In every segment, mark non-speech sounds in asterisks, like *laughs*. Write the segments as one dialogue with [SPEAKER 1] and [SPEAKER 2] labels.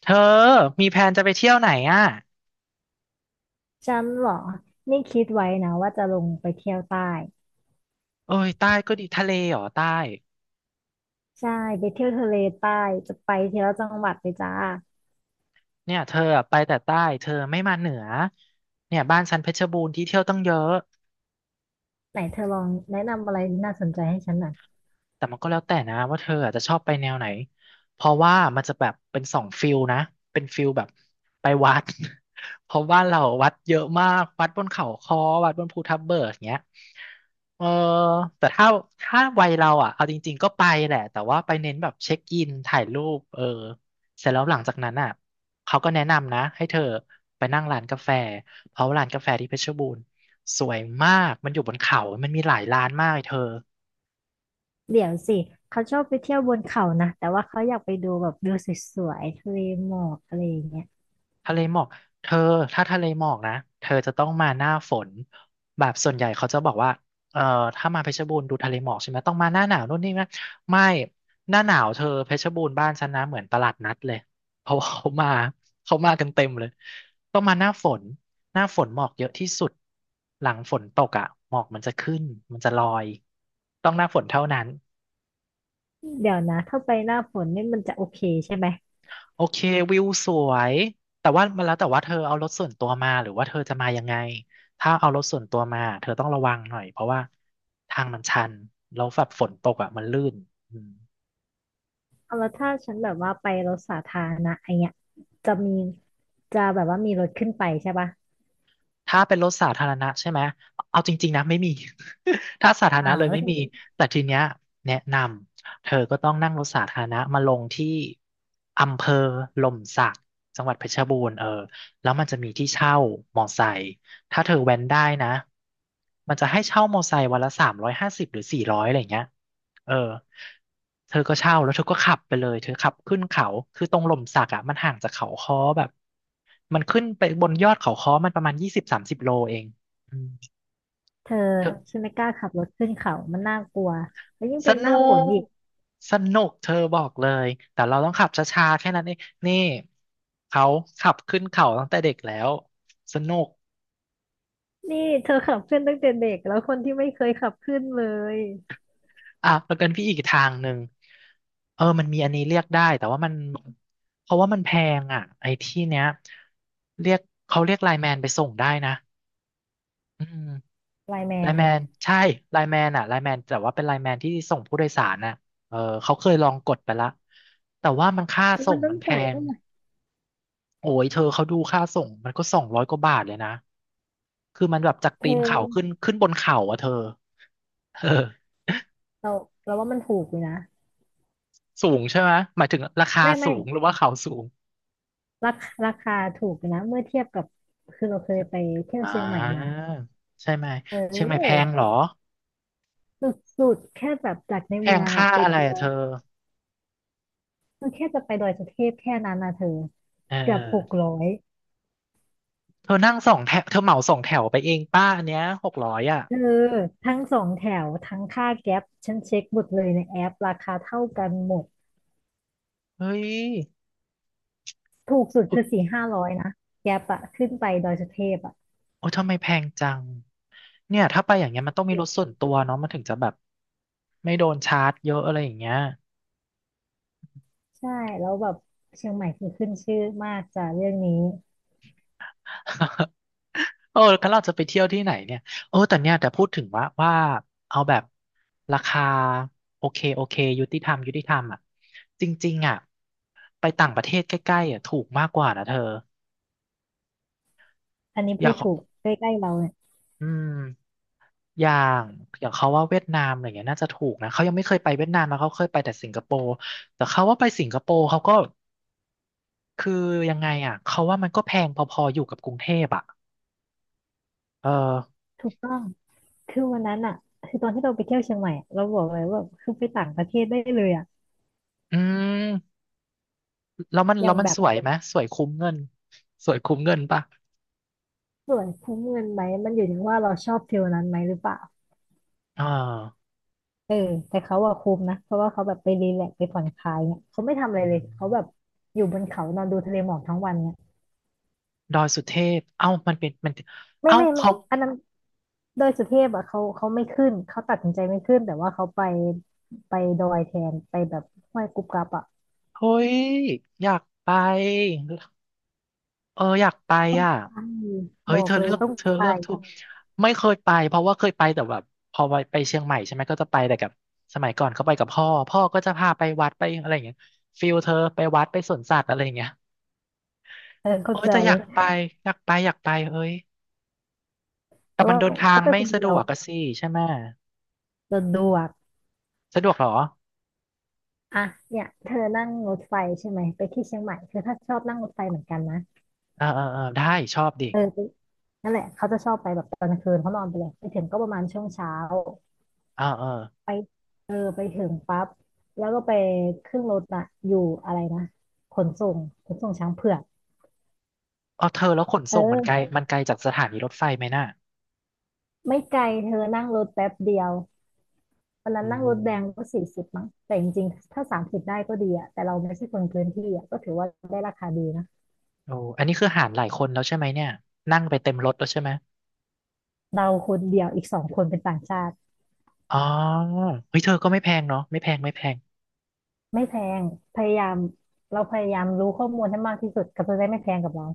[SPEAKER 1] เธอมีแผนจะไปเที่ยวไหนอ่ะ
[SPEAKER 2] ฉันเหรอนี่คิดไว้นะว่าจะลงไปเที่ยวใต้
[SPEAKER 1] โอ้ยใต้ก็ดีทะเลเหรอใต้
[SPEAKER 2] ใช่ไปเที่ยวทะเลใต้จะไปเทียวจังหวัดเลยจ้า
[SPEAKER 1] เนี่ยเธออะไปแต่ใต้เธอไม่มาเหนือ เนี่ยบ้านฉันเพชรบูรณ์ที่เที่ยวตั้งเยอะ
[SPEAKER 2] ไหนเธอลองแนะนำอะไรที่น่าสนใจให้ฉันหน่อย
[SPEAKER 1] แต่มันก็แล้วแต่นะว่าเธออาจจะชอบไปแนวไหน เพราะว่ามันจะแบบเป็นสองฟิลนะเป็นฟิลแบบไปวัด *laughs* เพราะว่านเราวัดเยอะมากวัดบนเขาค้อวัดบนภูทับเบิกอย่างเงี้ยเออแต่ถ้าวัยเราอ่ะเอาจริงๆก็ไปแหละแต่ว่าไปเน้นแบบเช็คอินถ่ายรูปเออเสร็จแล้วหลังจากนั้นอ่ะเขาก็แนะนำนะให้เธอไปนั่งร้านกาแฟเพราะว่าร้านกาแฟที่เพชรบูรณ์สวยมากมันอยู่บนเขามันมีหลายร้านมากเลยเธอ
[SPEAKER 2] เดี๋ยวสิเขาชอบไปเที่ยวบนเขานะแต่ว่าเขาอยากไปดูแบบวิวสวยๆทะเลหมอกอะไรอย่างเงี้ย
[SPEAKER 1] ทะเลหมอกเธอถ้าทะเลหมอกนะเธอจะต้องมาหน้าฝนแบบส่วนใหญ่เขาจะบอกว่าเอ่อถ้ามาเพชรบูรณ์ดูทะเลหมอกใช่ไหมต้องมาหน้าหนาวนู่นนี่นะไม่หน้าหนาวเธอเพชรบูรณ์บ้านฉันนะเหมือนตลาดนัดเลยเพราะว่าเขามากันเต็มเลยต้องมาหน้าฝนหน้าฝนหมอกเยอะที่สุดหลังฝนตกอ่ะหมอกมันจะขึ้นมันจะลอยต้องหน้าฝนเท่านั้น
[SPEAKER 2] เดี๋ยวนะถ้าไปหน้าฝนนี่มันจะโอเคใช่ไหม
[SPEAKER 1] โอเควิวสวยแต่ว่ามันแล้วแต่ว่าเธอเอารถส่วนตัวมาหรือว่าเธอจะมายังไงถ้าเอารถส่วนตัวมาเธอต้องระวังหน่อยเพราะว่าทางมันชันแล้วแบบฝนตกอ่ะมันลื่นอืม
[SPEAKER 2] เอาแล้วถ้าฉันแบบว่าไปรถสาธารณะไอเงี้ยจะมีจะแบบว่ามีรถขึ้นไปใช่ปะ
[SPEAKER 1] ถ้าเป็นรถสาธารณะใช่ไหมเอาจริงๆนะไม่มี *laughs* ถ้าสาธาร
[SPEAKER 2] อ่า
[SPEAKER 1] ณะเลยไม่มี
[SPEAKER 2] ว
[SPEAKER 1] แต่ทีเนี้ยแนะนำเธอก็ต้องนั่งรถสาธารณะมาลงที่อำเภอหล่มสักจังหวัดเพชรบูรณ์เออแล้วมันจะมีที่เช่ามอไซค์ ถ้าเธอแว้นได้นะ มันจะให้เช่ามอไซค์วันละ350หรือ400อะไรอย่างเงี้ยเออเธอก็เช่าแล้วเธอก็ขับไปเลย เธอขับขึ้นเขา คือตรงหล่มสักอ่ะมันห่างจากเขาค้อแบบมันขึ้นไปบนยอดเขาค้อมันประมาณ20-30โลเองอืม
[SPEAKER 2] เธอ
[SPEAKER 1] เธอ
[SPEAKER 2] ฉันไม่กล้าขับรถขึ้นเขามันน่ากลัวแล้วยิ่ง
[SPEAKER 1] ส
[SPEAKER 2] เป็นห
[SPEAKER 1] นุ
[SPEAKER 2] น้าฝน
[SPEAKER 1] ก
[SPEAKER 2] อีก
[SPEAKER 1] สนุก เธอบอกเลย แต่เราต้องขับช้าๆแค่นั้นเองนี่เขาขับขึ้นเขาตั้งแต่เด็กแล้ว สนุก
[SPEAKER 2] นี่เธอขับขึ้นตั้งแต่เด็กแล้วคนที่ไม่เคยขับขึ้นเลย
[SPEAKER 1] อ่ะแล้วกันพี่อีกทางหนึ่งเออมันมีอันนี้เรียกได้แต่ว่ามันเพราะว่ามันแพงอ่ะไอ้ที่เนี้ยเรียกเขาเรียกไลน์แมนไปส่งได้นะอืม
[SPEAKER 2] ไลน์แม
[SPEAKER 1] ไลน์
[SPEAKER 2] น
[SPEAKER 1] แมนใช่ไลน์แมนแต่ว่าเป็นไลน์แมนที่ส่งผู้โดยสารน่ะเออเขาเคยลองกดไปละแต่ว่ามันค่า
[SPEAKER 2] แล้ว
[SPEAKER 1] ส่
[SPEAKER 2] มัน
[SPEAKER 1] ง
[SPEAKER 2] ต้อ
[SPEAKER 1] มั
[SPEAKER 2] ง
[SPEAKER 1] นแพ
[SPEAKER 2] จ่าย
[SPEAKER 1] ง
[SPEAKER 2] เท่าไหร่
[SPEAKER 1] โอ้ยเธอเขาดูค่าส่งมันก็200กว่าบาทเลยนะคือมันแบบจาก
[SPEAKER 2] เธ
[SPEAKER 1] ตีนเขา
[SPEAKER 2] อ
[SPEAKER 1] ขึ้นบนเขาอ่ะเธอเออ
[SPEAKER 2] เราเราว่ามันถูกอยู่นะ
[SPEAKER 1] สูงใช่ไหมหมายถึงราคา
[SPEAKER 2] ไม่
[SPEAKER 1] สู
[SPEAKER 2] ไม่
[SPEAKER 1] งหรือว่าเขาสูง
[SPEAKER 2] ราคาถูกอยู่นะเมื่อเทียบกับคือเราเคยไปเที่ยว
[SPEAKER 1] อ่
[SPEAKER 2] เชียงใหม่มา
[SPEAKER 1] าใช่ไหม
[SPEAKER 2] เ
[SPEAKER 1] เชียงใหม่แพง
[SPEAKER 2] ออ
[SPEAKER 1] เหรอ
[SPEAKER 2] สุดๆแค่แบบจากใน
[SPEAKER 1] แพ
[SPEAKER 2] เมื
[SPEAKER 1] ง
[SPEAKER 2] อง
[SPEAKER 1] ค่า
[SPEAKER 2] อะไป
[SPEAKER 1] อะไร
[SPEAKER 2] ตัว
[SPEAKER 1] อะเธอ
[SPEAKER 2] มันแค่จะไปดอยสุเทพแค่นั้นนะเธอ
[SPEAKER 1] เออเอ
[SPEAKER 2] เกือบหก
[SPEAKER 1] อ
[SPEAKER 2] ร้อย
[SPEAKER 1] เธอนั่งสองแถวเธอเหมาสองแถวไปเองป้าอันเนี้ย600อ่ะ
[SPEAKER 2] เธอทั้งสองแถวทั้งค่าแก๊ปฉันเช็คหมดเลยในแอปราคาเท่ากันหมด
[SPEAKER 1] เฮ้ย
[SPEAKER 2] ถูกสุด
[SPEAKER 1] โอ๊
[SPEAKER 2] คือ
[SPEAKER 1] ย
[SPEAKER 2] สี่ห้าร้อยนะแก๊ปอะขึ้นไปดอยสุเทพอะ
[SPEAKER 1] โอ้ทำไมแพงจังเนี่ยถ้าไปอย่างเงี้ยมันต้องมีรถส่วนตัวเนาะมันถึงจะแบบไม่โดนชาร์จเยอะอะไรอย่างเงี้ย
[SPEAKER 2] ใช่แล้วแบบเชียงใหม่คือขึ้นชื่อมากจากเรื่องนี้
[SPEAKER 1] *laughs* เออแล้วเราจะไปเที่ยวที่ไหนเนี่ย เออแต่เนี่ยแต่พูดถึงว่าเอาแบบราคาโอเคโอเคยุติธรรมอ่ะจริงๆอ่ะไปต่างประเทศใกล้ๆอ่ะถูกมากกว่านะเธอ
[SPEAKER 2] อันนี้
[SPEAKER 1] อ
[SPEAKER 2] พู
[SPEAKER 1] ย่าง
[SPEAKER 2] ด
[SPEAKER 1] ของ
[SPEAKER 2] ถูกใกล้ๆเราเนี่ย
[SPEAKER 1] อืมอย่างอย่างเขาว่าเวียดนามอะไรเงี้ยน่าจะถูกนะเขายังไม่เคยไปเวียดนามนะเขาเคยไปแต่สิงคโปร์แต่เขาว่าไปสิงคโปร์เขาก็คือยังไงอ่ะเขาว่ามันก็แพงพอๆอยู่กับกรุงเทพอ่ะเออ
[SPEAKER 2] ถูกต้องคือวันนั้นอะคือตอนที่เราไปเที่ยวเชียงใหม่อะเราบอกเลยว่าคือไปต่างประเทศได้เลยอะ
[SPEAKER 1] อืม แล้วมัน
[SPEAKER 2] อ
[SPEAKER 1] แล้
[SPEAKER 2] ย่า
[SPEAKER 1] ว
[SPEAKER 2] ง
[SPEAKER 1] มัน
[SPEAKER 2] แบ
[SPEAKER 1] ส
[SPEAKER 2] บ
[SPEAKER 1] วยไหมสวยคุ้มเงินสวยคุ้มเงินปะ
[SPEAKER 2] สวยคุ้มเงินไหมมันอยู่ที่ว่าเราชอบฟิลนั้นไหมหรือเปล่า
[SPEAKER 1] อ่า
[SPEAKER 2] เออแต่เขาอะคุมนะเพราะว่าเขาแบบไปรีแลกซ์ไปผ่อนคลายเนี่ยเขาไม่ทำอะไร
[SPEAKER 1] อื
[SPEAKER 2] เลย
[SPEAKER 1] ม
[SPEAKER 2] เขาแบบอยู่บนเขานอนดูทะเลหมอกทั้งวันเนี่ย
[SPEAKER 1] ดอยสุเทพเอ้ามันเป็นมัน
[SPEAKER 2] ไม่
[SPEAKER 1] เอ้า
[SPEAKER 2] ไม่ไม่
[SPEAKER 1] เขา
[SPEAKER 2] อันนั้นดอยสุเทพอะเขาไม่ขึ้นเขาตัดสินใจไม่ขึ้นแต่ว่าเขาไปไปดอยแทนไปแบบห้วยกุบกับอะ
[SPEAKER 1] เฮ้ยอยากไปเอออยากไปอ่ะ
[SPEAKER 2] ใช่
[SPEAKER 1] เฮ้
[SPEAKER 2] บ
[SPEAKER 1] ย
[SPEAKER 2] อ
[SPEAKER 1] เธ
[SPEAKER 2] ก
[SPEAKER 1] อ
[SPEAKER 2] เลย
[SPEAKER 1] เลือก
[SPEAKER 2] ต้อง
[SPEAKER 1] เธอ
[SPEAKER 2] ไป
[SPEAKER 1] เลือกถูกไม่เคยไปเพราะว่าเคยไปแต่แบบพอไปเชียงใหม่ใช่ไหมก็จะไปแต่กับสมัยก่อนเขาไปกับพ่อพ่อก็จะพาไปวัดไปอะไรอย่างเงี้ยฟิลเธอไปวัดไปสวนสัตว์อะไรอย่างเงี้ย
[SPEAKER 2] เออเข้า
[SPEAKER 1] โอ้ย
[SPEAKER 2] ใจ
[SPEAKER 1] แต่อยากไปอยากไปอยากไปเฮ้ยแต่
[SPEAKER 2] แต่
[SPEAKER 1] มัน
[SPEAKER 2] ว่า
[SPEAKER 1] เดินทาง
[SPEAKER 2] เขาไป
[SPEAKER 1] ไม่
[SPEAKER 2] คน
[SPEAKER 1] สะ
[SPEAKER 2] เดี
[SPEAKER 1] ด
[SPEAKER 2] ยว
[SPEAKER 1] วกอะสิใช่ไหม
[SPEAKER 2] สะดวก
[SPEAKER 1] สะดวกเหรอ
[SPEAKER 2] อ่ะเนี่ยเธอนั่งรถไฟใช่ไหมไปที่เชียงใหม่คือถ้าชอบนั่งรถไฟเหมือนกันนะ
[SPEAKER 1] เออเออเออได้ ชอบดิ
[SPEAKER 2] เออนั่นแหละ เขาจะชอบไปแบบตอนกลางคืนเขานอนไปเลยไปถึงก็ประมาณช่วงเช้า
[SPEAKER 1] เออเออ
[SPEAKER 2] ไปเออไปถึงปั๊บแล้วก็ไปขึ้นรถอะอยู่อะไรนะขนส่งขนส่งช้างเผือก
[SPEAKER 1] เอาเธอแล้วขนส่งมันไกล
[SPEAKER 2] เออ
[SPEAKER 1] มันไกลจากสถานีรถไฟไหมน่ะ
[SPEAKER 2] ไม่ไกลเธอนั่งรถแป๊บเดียววันนั้
[SPEAKER 1] อื
[SPEAKER 2] นนั่งร
[SPEAKER 1] ม
[SPEAKER 2] ถแดงก็40มั้งแต่จริงๆถ้า30ได้ก็ดีอะแต่เราไม่ใช่คนพื้นที่อะก็ถือว่าได้ราคาดีนะ
[SPEAKER 1] โอ้อันนี้คือหารหลายคนแล้วใช่ไหมเนี่ยนั่งไปเต็มรถแล้วใช่ไหม
[SPEAKER 2] เราคนเดียวอีกสองคนเป็นต่างชาติ
[SPEAKER 1] อ๋อเฮ้ยเธอก็ไม่แพงเนาะไม่แพงไม่แพง
[SPEAKER 2] ไม่แพงพยายามเราพยายามรู้ข้อมูลให้มากที่สุดก็จะได้ไม่แพงกับเรา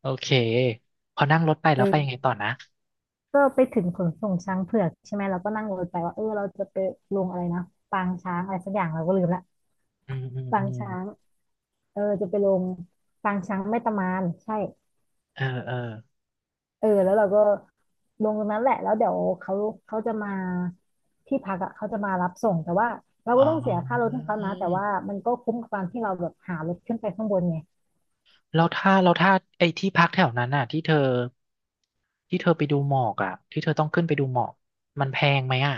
[SPEAKER 1] โอเคพอนั่งรถไปแล้วไปยังไง
[SPEAKER 2] เออ
[SPEAKER 1] ต่อนะ
[SPEAKER 2] ก็ไปถึงขนส่งช้างเผือกใช่ไหมเราก็นั่งรถไปว่าเออเราจะไปลงอะไรนะปางช้างอะไรสักอย่างเราก็ลืมละ
[SPEAKER 1] อืมอืม
[SPEAKER 2] ปา
[SPEAKER 1] อื
[SPEAKER 2] ง
[SPEAKER 1] ม
[SPEAKER 2] ช้างเออจะไปลงปางช้างแม่ตะมานใช่
[SPEAKER 1] เออเออ
[SPEAKER 2] เออแล้วเราก็ลงตรงนั้นแหละแล้วเดี๋ยวเขาเขาจะมาที่พักอะเขาจะมารับส่งแต่ว่าเราก็
[SPEAKER 1] อ๋อ
[SPEAKER 2] ต้องเสียค่ารถให้เขานะแต่ว่ามันก็คุ้มกับการที่เราแบบหารถขึ้นไปข้างบนไง
[SPEAKER 1] แล้วถ้าไอ้ที่พักแถวนั้นน่ะที่เธอที่เธอไปดูหมอกอ่ะที่เธอต้องขึ้นไปดูหมอกมันแพงไหมอ่ะ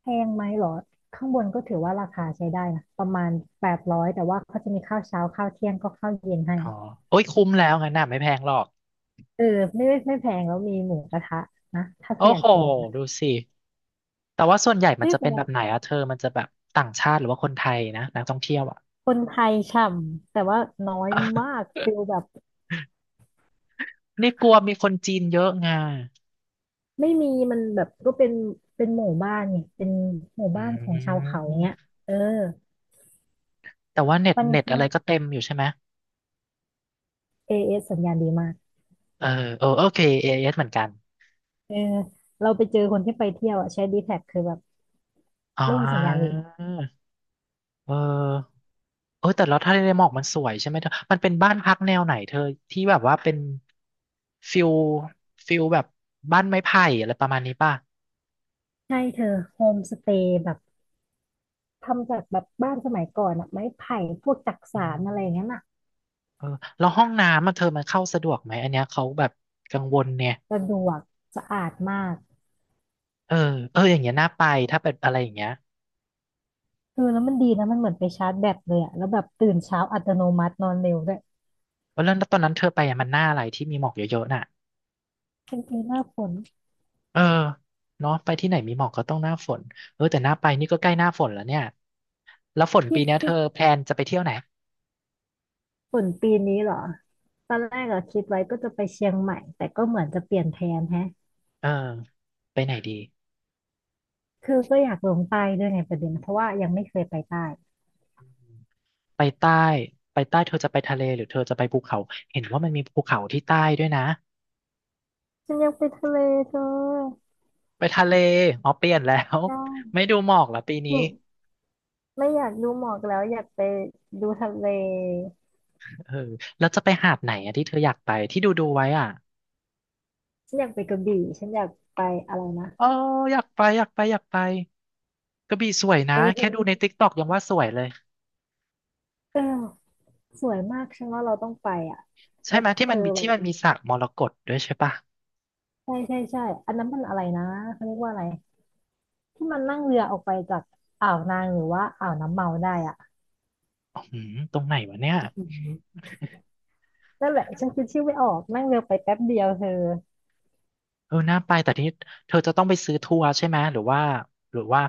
[SPEAKER 2] แพงไหมเหรอข้างบนก็ถือว่าราคาใช้ได้นะประมาณ800แต่ว่าเขาจะมีข้าวเช้าข้าวเที่ยงก็ข้าวเย็นให้
[SPEAKER 1] อ๋อโอ้ยคุ้มแล้วงั้นน่ะไม่แพงหรอก
[SPEAKER 2] เออไม่ไม่ไม่แพงแล้วมีหมูกระทะนะถ้าเธ
[SPEAKER 1] โอ้
[SPEAKER 2] ออยา
[SPEAKER 1] โห
[SPEAKER 2] กกินนะ
[SPEAKER 1] ดูสิ แต่ว่าส่วนใหญ่มัน
[SPEAKER 2] ไม่
[SPEAKER 1] จะ
[SPEAKER 2] แพ
[SPEAKER 1] เป็นแบ
[SPEAKER 2] ง
[SPEAKER 1] บไหนอะเธอ มันจะแบบต่างชาติหรือว่าคนไทยนะนักท่องเที่ยวอะ
[SPEAKER 2] คนไทยฉ่ำแต่ว่าน้อยมากฟิลแบบ
[SPEAKER 1] นี่กลัวมีคนจีนเยอะไง
[SPEAKER 2] ไม่มีมันแบบก็เป็นหมู่บ้านไงเป็นหมู่
[SPEAKER 1] อื
[SPEAKER 2] บ้านของชาวเขาเนี้ย
[SPEAKER 1] ม
[SPEAKER 2] เออ
[SPEAKER 1] แต่ว่าเน็ต
[SPEAKER 2] มัน
[SPEAKER 1] เน็ตอะไรก็เต็มอยู่ใช่ไหม
[SPEAKER 2] เอเอสสัญญาณดีมาก
[SPEAKER 1] เออเออโอเคเอเอสเหมือนกัน
[SPEAKER 2] เออเราไปเจอคนที่ไปเที่ยวอ่ะใช้ดีแท็กคือแบบ
[SPEAKER 1] อ๋อ
[SPEAKER 2] ไม่มีสัญญาณอีก
[SPEAKER 1] เออเออแต่แล้วทะเลหมอกมันสวยใช่ไหมเธอ มันเป็นบ้านพักแนวไหนเธอที่แบบว่าเป็นฟิลฟิลแบบบ้านไม้ไผ่อะไรประมาณนี้ป่ะ
[SPEAKER 2] ใช่เธอโฮมสเตย์แบบทำจากแบบบ้านสมัยก่อนอ่ะไม้ไผ่พวกจัก
[SPEAKER 1] อื
[SPEAKER 2] สานอะไรอย่างเงี้ยน
[SPEAKER 1] ม
[SPEAKER 2] อ่ะ
[SPEAKER 1] เออแล้วห้องน้ำมันเธอมันเข้าสะดวกไหมอันเนี้ยเขาแบบกังวลเนี่ย
[SPEAKER 2] สะดวกสะอาดมาก
[SPEAKER 1] เออเอออย่างเงี้ยน่าไปถ้าเป็นอะไรอย่างเงี้ย
[SPEAKER 2] คือแล้วมันดีนะมันเหมือนไปชาร์จแบตเลยอะแล้วแบบตื่นเช้าอัตโนมัตินอนเร็วด้วย
[SPEAKER 1] เพราะเรื่องตอนนั้นเธอไปอะมันหน้าอะไรที่มีหมอกเยอะๆน่ะ
[SPEAKER 2] จริงหน้าฝน
[SPEAKER 1] เออเนาะไปที่ไหนมีหมอกก็ต้องหน้าฝนเออแต่หน้าไปนี่ก็ใกล้หน้าฝนแล้วเนี่ยแล้วฝน
[SPEAKER 2] ที่
[SPEAKER 1] ปีเนี้ยเธ
[SPEAKER 2] ที่
[SPEAKER 1] อแพลนจะไปเที่ยวไหน
[SPEAKER 2] ฝนปีนี้เหรอตอนแรกอะคิดไว้ก็จะไปเชียงใหม่แต่ก็เหมือนจะเปลี่ยนแผนแฮะ
[SPEAKER 1] เออไปไหนดี
[SPEAKER 2] คือก็อยากลงใต้ด้วยไงประเด็นเพราะว่ายังไม่เคยไปใต้
[SPEAKER 1] ไปใต้ไปใต้เธอจะไปทะเลหรือเธอจะไปภูเขาเห็นว่ามันมีภูเขาที่ใต้ด้วยนะ
[SPEAKER 2] ฉันอยากไปทะเลเธอ
[SPEAKER 1] ไปทะเลอ๋อเปลี่ยนแล้ว
[SPEAKER 2] ได้
[SPEAKER 1] *laughs* ไม่ดูหมอกเหรอปีนี้
[SPEAKER 2] ไม่ไม่อยากดูหมอกแล้วอยากไปดูทะเล
[SPEAKER 1] เออแล้วจะไปหาดไหนอะที่เธออยากไปที่ดูดูไว้อ่ะ
[SPEAKER 2] ฉันอยากไปกระบี่ฉันอยากไปอะไรนะ
[SPEAKER 1] เอ๋ออยากไปอยากไปอยากไปกระบี่สวยนะแค่ดู
[SPEAKER 2] เออ
[SPEAKER 1] ในติ๊กต็อกยังว่าสวยเลย
[SPEAKER 2] เออสวยมากฉันว่าเราต้องไปอะ
[SPEAKER 1] ใช่
[SPEAKER 2] แล้ว
[SPEAKER 1] ไหมที่
[SPEAKER 2] เธ
[SPEAKER 1] มัน
[SPEAKER 2] อ
[SPEAKER 1] มี
[SPEAKER 2] แบบ
[SPEAKER 1] สระมรกตด้วยใช่ปะ
[SPEAKER 2] ใช่ใช่ใช่อันนั้นมันอะไรนะเขาเรียกว่าอะไรที่มันนั่งเรือออกไปจากอ่าวนางหรือว่าอ่าวน้ำเมาได้อะ
[SPEAKER 1] อือหือตรงไหนวะเนี่ย
[SPEAKER 2] อืมนั่นแหละฉันคิดชื่อไม่ออกนั่งเรือไปแป๊บเดียวเธอ
[SPEAKER 1] เออน่าไปแต่ที่เธอจะต้องไปซื้อทัวร์ใช่ไหมหรือว่า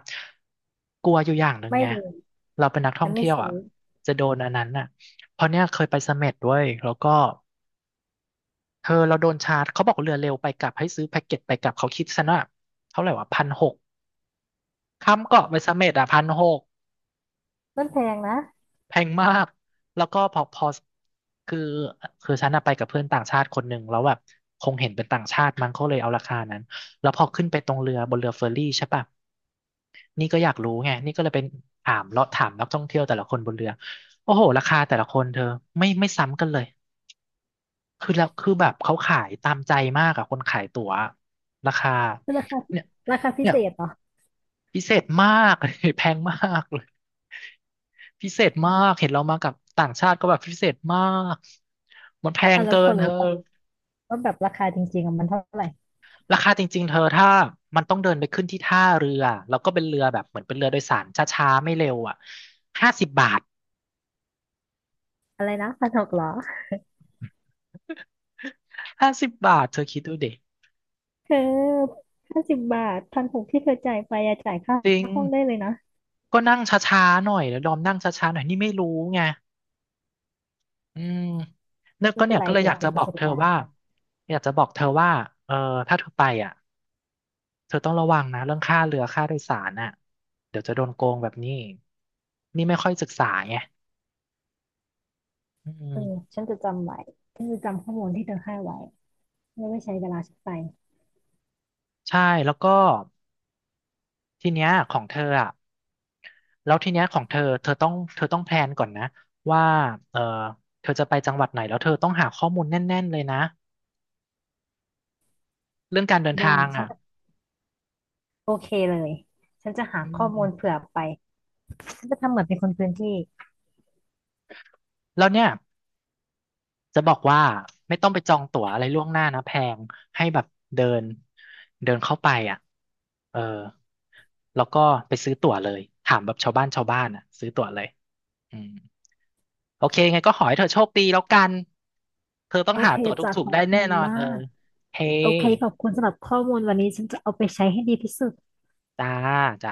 [SPEAKER 1] กลัวอยู่อย่างหนึ่ง
[SPEAKER 2] ไม่
[SPEAKER 1] ไง
[SPEAKER 2] เลย
[SPEAKER 1] เราเป็นนักท่
[SPEAKER 2] ฉั
[SPEAKER 1] อง
[SPEAKER 2] นไม่
[SPEAKER 1] เที่ยว
[SPEAKER 2] ซื้
[SPEAKER 1] อ่ะ
[SPEAKER 2] อ
[SPEAKER 1] จะโดนอันนั้นอ่ะเพราะเนี่ยเคยไปเสม็ดด้วยแล้วก็เธอเราโดนชาร์จเขาบอกเรือเร็วไปกลับให้ซื้อแพ็กเกจไปกลับเขาคิดซะว่าเท่าไหร่วะพันหก ข้ามเกาะไปเสม็ดอ่ะพันหก
[SPEAKER 2] มันแพงนะ
[SPEAKER 1] แพงมากแล้วก็พอคือคือฉันอะไปกับเพื่อนต่างชาติคนหนึ่งแล้วแบบคงเห็นเป็นต่างชาติมั้งเขาเลยเอาราคานั้นแล้วพอขึ้นไปตรงเรือบนเรือเฟอร์รี่ใช่ปะนี่ก็อยากรู้ไงนี่ก็เลยเป็นถามเลาะถามนักท่องเที่ยวแต่ละคนบนเรือโอ้โหราคาแต่ละคนเธอไม่ซ้ำกันเลยคือแล้วคือแบบเขาขายตามใจมากอะคนขายตั๋วราคา
[SPEAKER 2] คือราคา
[SPEAKER 1] เนี่ย
[SPEAKER 2] ราคาพิ
[SPEAKER 1] เนี่
[SPEAKER 2] เศ
[SPEAKER 1] ย
[SPEAKER 2] ษเหรอ
[SPEAKER 1] พิเศษมาก *laughs* แพงมากเลย พิเศษมากเห็นเรามากับต่างชาติก็แบบพิเศษมากมันแพง
[SPEAKER 2] อ่ะแล้ว
[SPEAKER 1] เกิ
[SPEAKER 2] พอ
[SPEAKER 1] นเธ
[SPEAKER 2] รู้
[SPEAKER 1] อ
[SPEAKER 2] ปะว่าแบบราคาจริงๆอะมันเท่าไหร่
[SPEAKER 1] ราคาจริงๆเธอถ้ามันต้องเดินไปขึ้นที่ท่าเรือแล้วก็เป็นเรือแบบเหมือนเป็นเรือโดยสารช้าๆไม่เร็วอ่ะห้าสิบบาท
[SPEAKER 2] อะไรนะพันหกเหรอ
[SPEAKER 1] ห้าสิบบาทเธอคิดดูดิ
[SPEAKER 2] เธอ50 บาทพันหกที่เธอจ่ายไปอะจ่ายค่า
[SPEAKER 1] จริง
[SPEAKER 2] ห้องได้เลยนะ
[SPEAKER 1] ก็นั่งช้าๆหน่อยแล้วดอมนั่งช้าๆหน่อยนี่ไม่รู้ไงอืมเนี่ยก็
[SPEAKER 2] ไม่เป็
[SPEAKER 1] เนี่
[SPEAKER 2] น
[SPEAKER 1] ย
[SPEAKER 2] ไร
[SPEAKER 1] ก็เลย
[SPEAKER 2] ถือ
[SPEAKER 1] อยาก
[SPEAKER 2] ว่าเป็
[SPEAKER 1] จะ
[SPEAKER 2] น
[SPEAKER 1] บ
[SPEAKER 2] ป
[SPEAKER 1] อ
[SPEAKER 2] ระ
[SPEAKER 1] ก
[SPEAKER 2] สบ
[SPEAKER 1] เธอ
[SPEAKER 2] การ
[SPEAKER 1] ว่า
[SPEAKER 2] ณ์
[SPEAKER 1] อยากจะบอกเธอว่าเออถ้าเธอไปอ่ะ เธอต้องระวังนะเรื่องค่าเรือค่าโดยสารน่ะเดี๋ยวจะโดนโกงแบบนี้นี่ไม่ค่อยศึกษาไงอื
[SPEAKER 2] เออ
[SPEAKER 1] ม
[SPEAKER 2] ฉันจะจำไว้ฉันจะจำข้อมูลที่เธอให้ไว้ไม่ไว้ใช้เวลาฉันไป
[SPEAKER 1] ใช่แล้วก็ทีเนี้ยของเธออ่ะแล้วทีเนี้ยของเธอเธอต้องแพลนก่อนนะว่าเออเธอจะไปจังหวัดไหนแล้วเธอต้องหาข้อมูลแน่นๆเลยนะเรื่องการเดิน
[SPEAKER 2] ได้
[SPEAKER 1] ทาง
[SPEAKER 2] ฉัน
[SPEAKER 1] อ่ะ
[SPEAKER 2] จะโอเคเลย ฉันจะหา
[SPEAKER 1] อื
[SPEAKER 2] ข้อมูล
[SPEAKER 1] ม
[SPEAKER 2] เผื่อไป ฉันจะทำเหมือนเป็นคนพื้นที่
[SPEAKER 1] แล้วเนี่ย จะบอกว่าไม่ต้องไปจองตั๋วอะไรล่วงหน้านะแพงให้แบบเดินเดินเข้าไปอ่ะเออแล้วก็ไปซื้อตั๋วเลยถามแบบชาวบ้านอ่ะซื้อตั๋วเลยอืมโอเคไงก็ขอให้เธอโชคดีแล้วกันเธอต้อง
[SPEAKER 2] โอ
[SPEAKER 1] หา
[SPEAKER 2] เค
[SPEAKER 1] ตั๋ว
[SPEAKER 2] จ้ะ
[SPEAKER 1] ถู
[SPEAKER 2] ข
[SPEAKER 1] กๆ
[SPEAKER 2] อ
[SPEAKER 1] ได้
[SPEAKER 2] บคุ
[SPEAKER 1] แน่
[SPEAKER 2] ณ
[SPEAKER 1] นอน
[SPEAKER 2] มา
[SPEAKER 1] เออ
[SPEAKER 2] ก
[SPEAKER 1] เฮ้
[SPEAKER 2] โอเคขอบคุณสำหรับข้อมูลวันนี้ฉันจะเอาไปใช้ให้ดีที่สุด
[SPEAKER 1] จ้าจ้า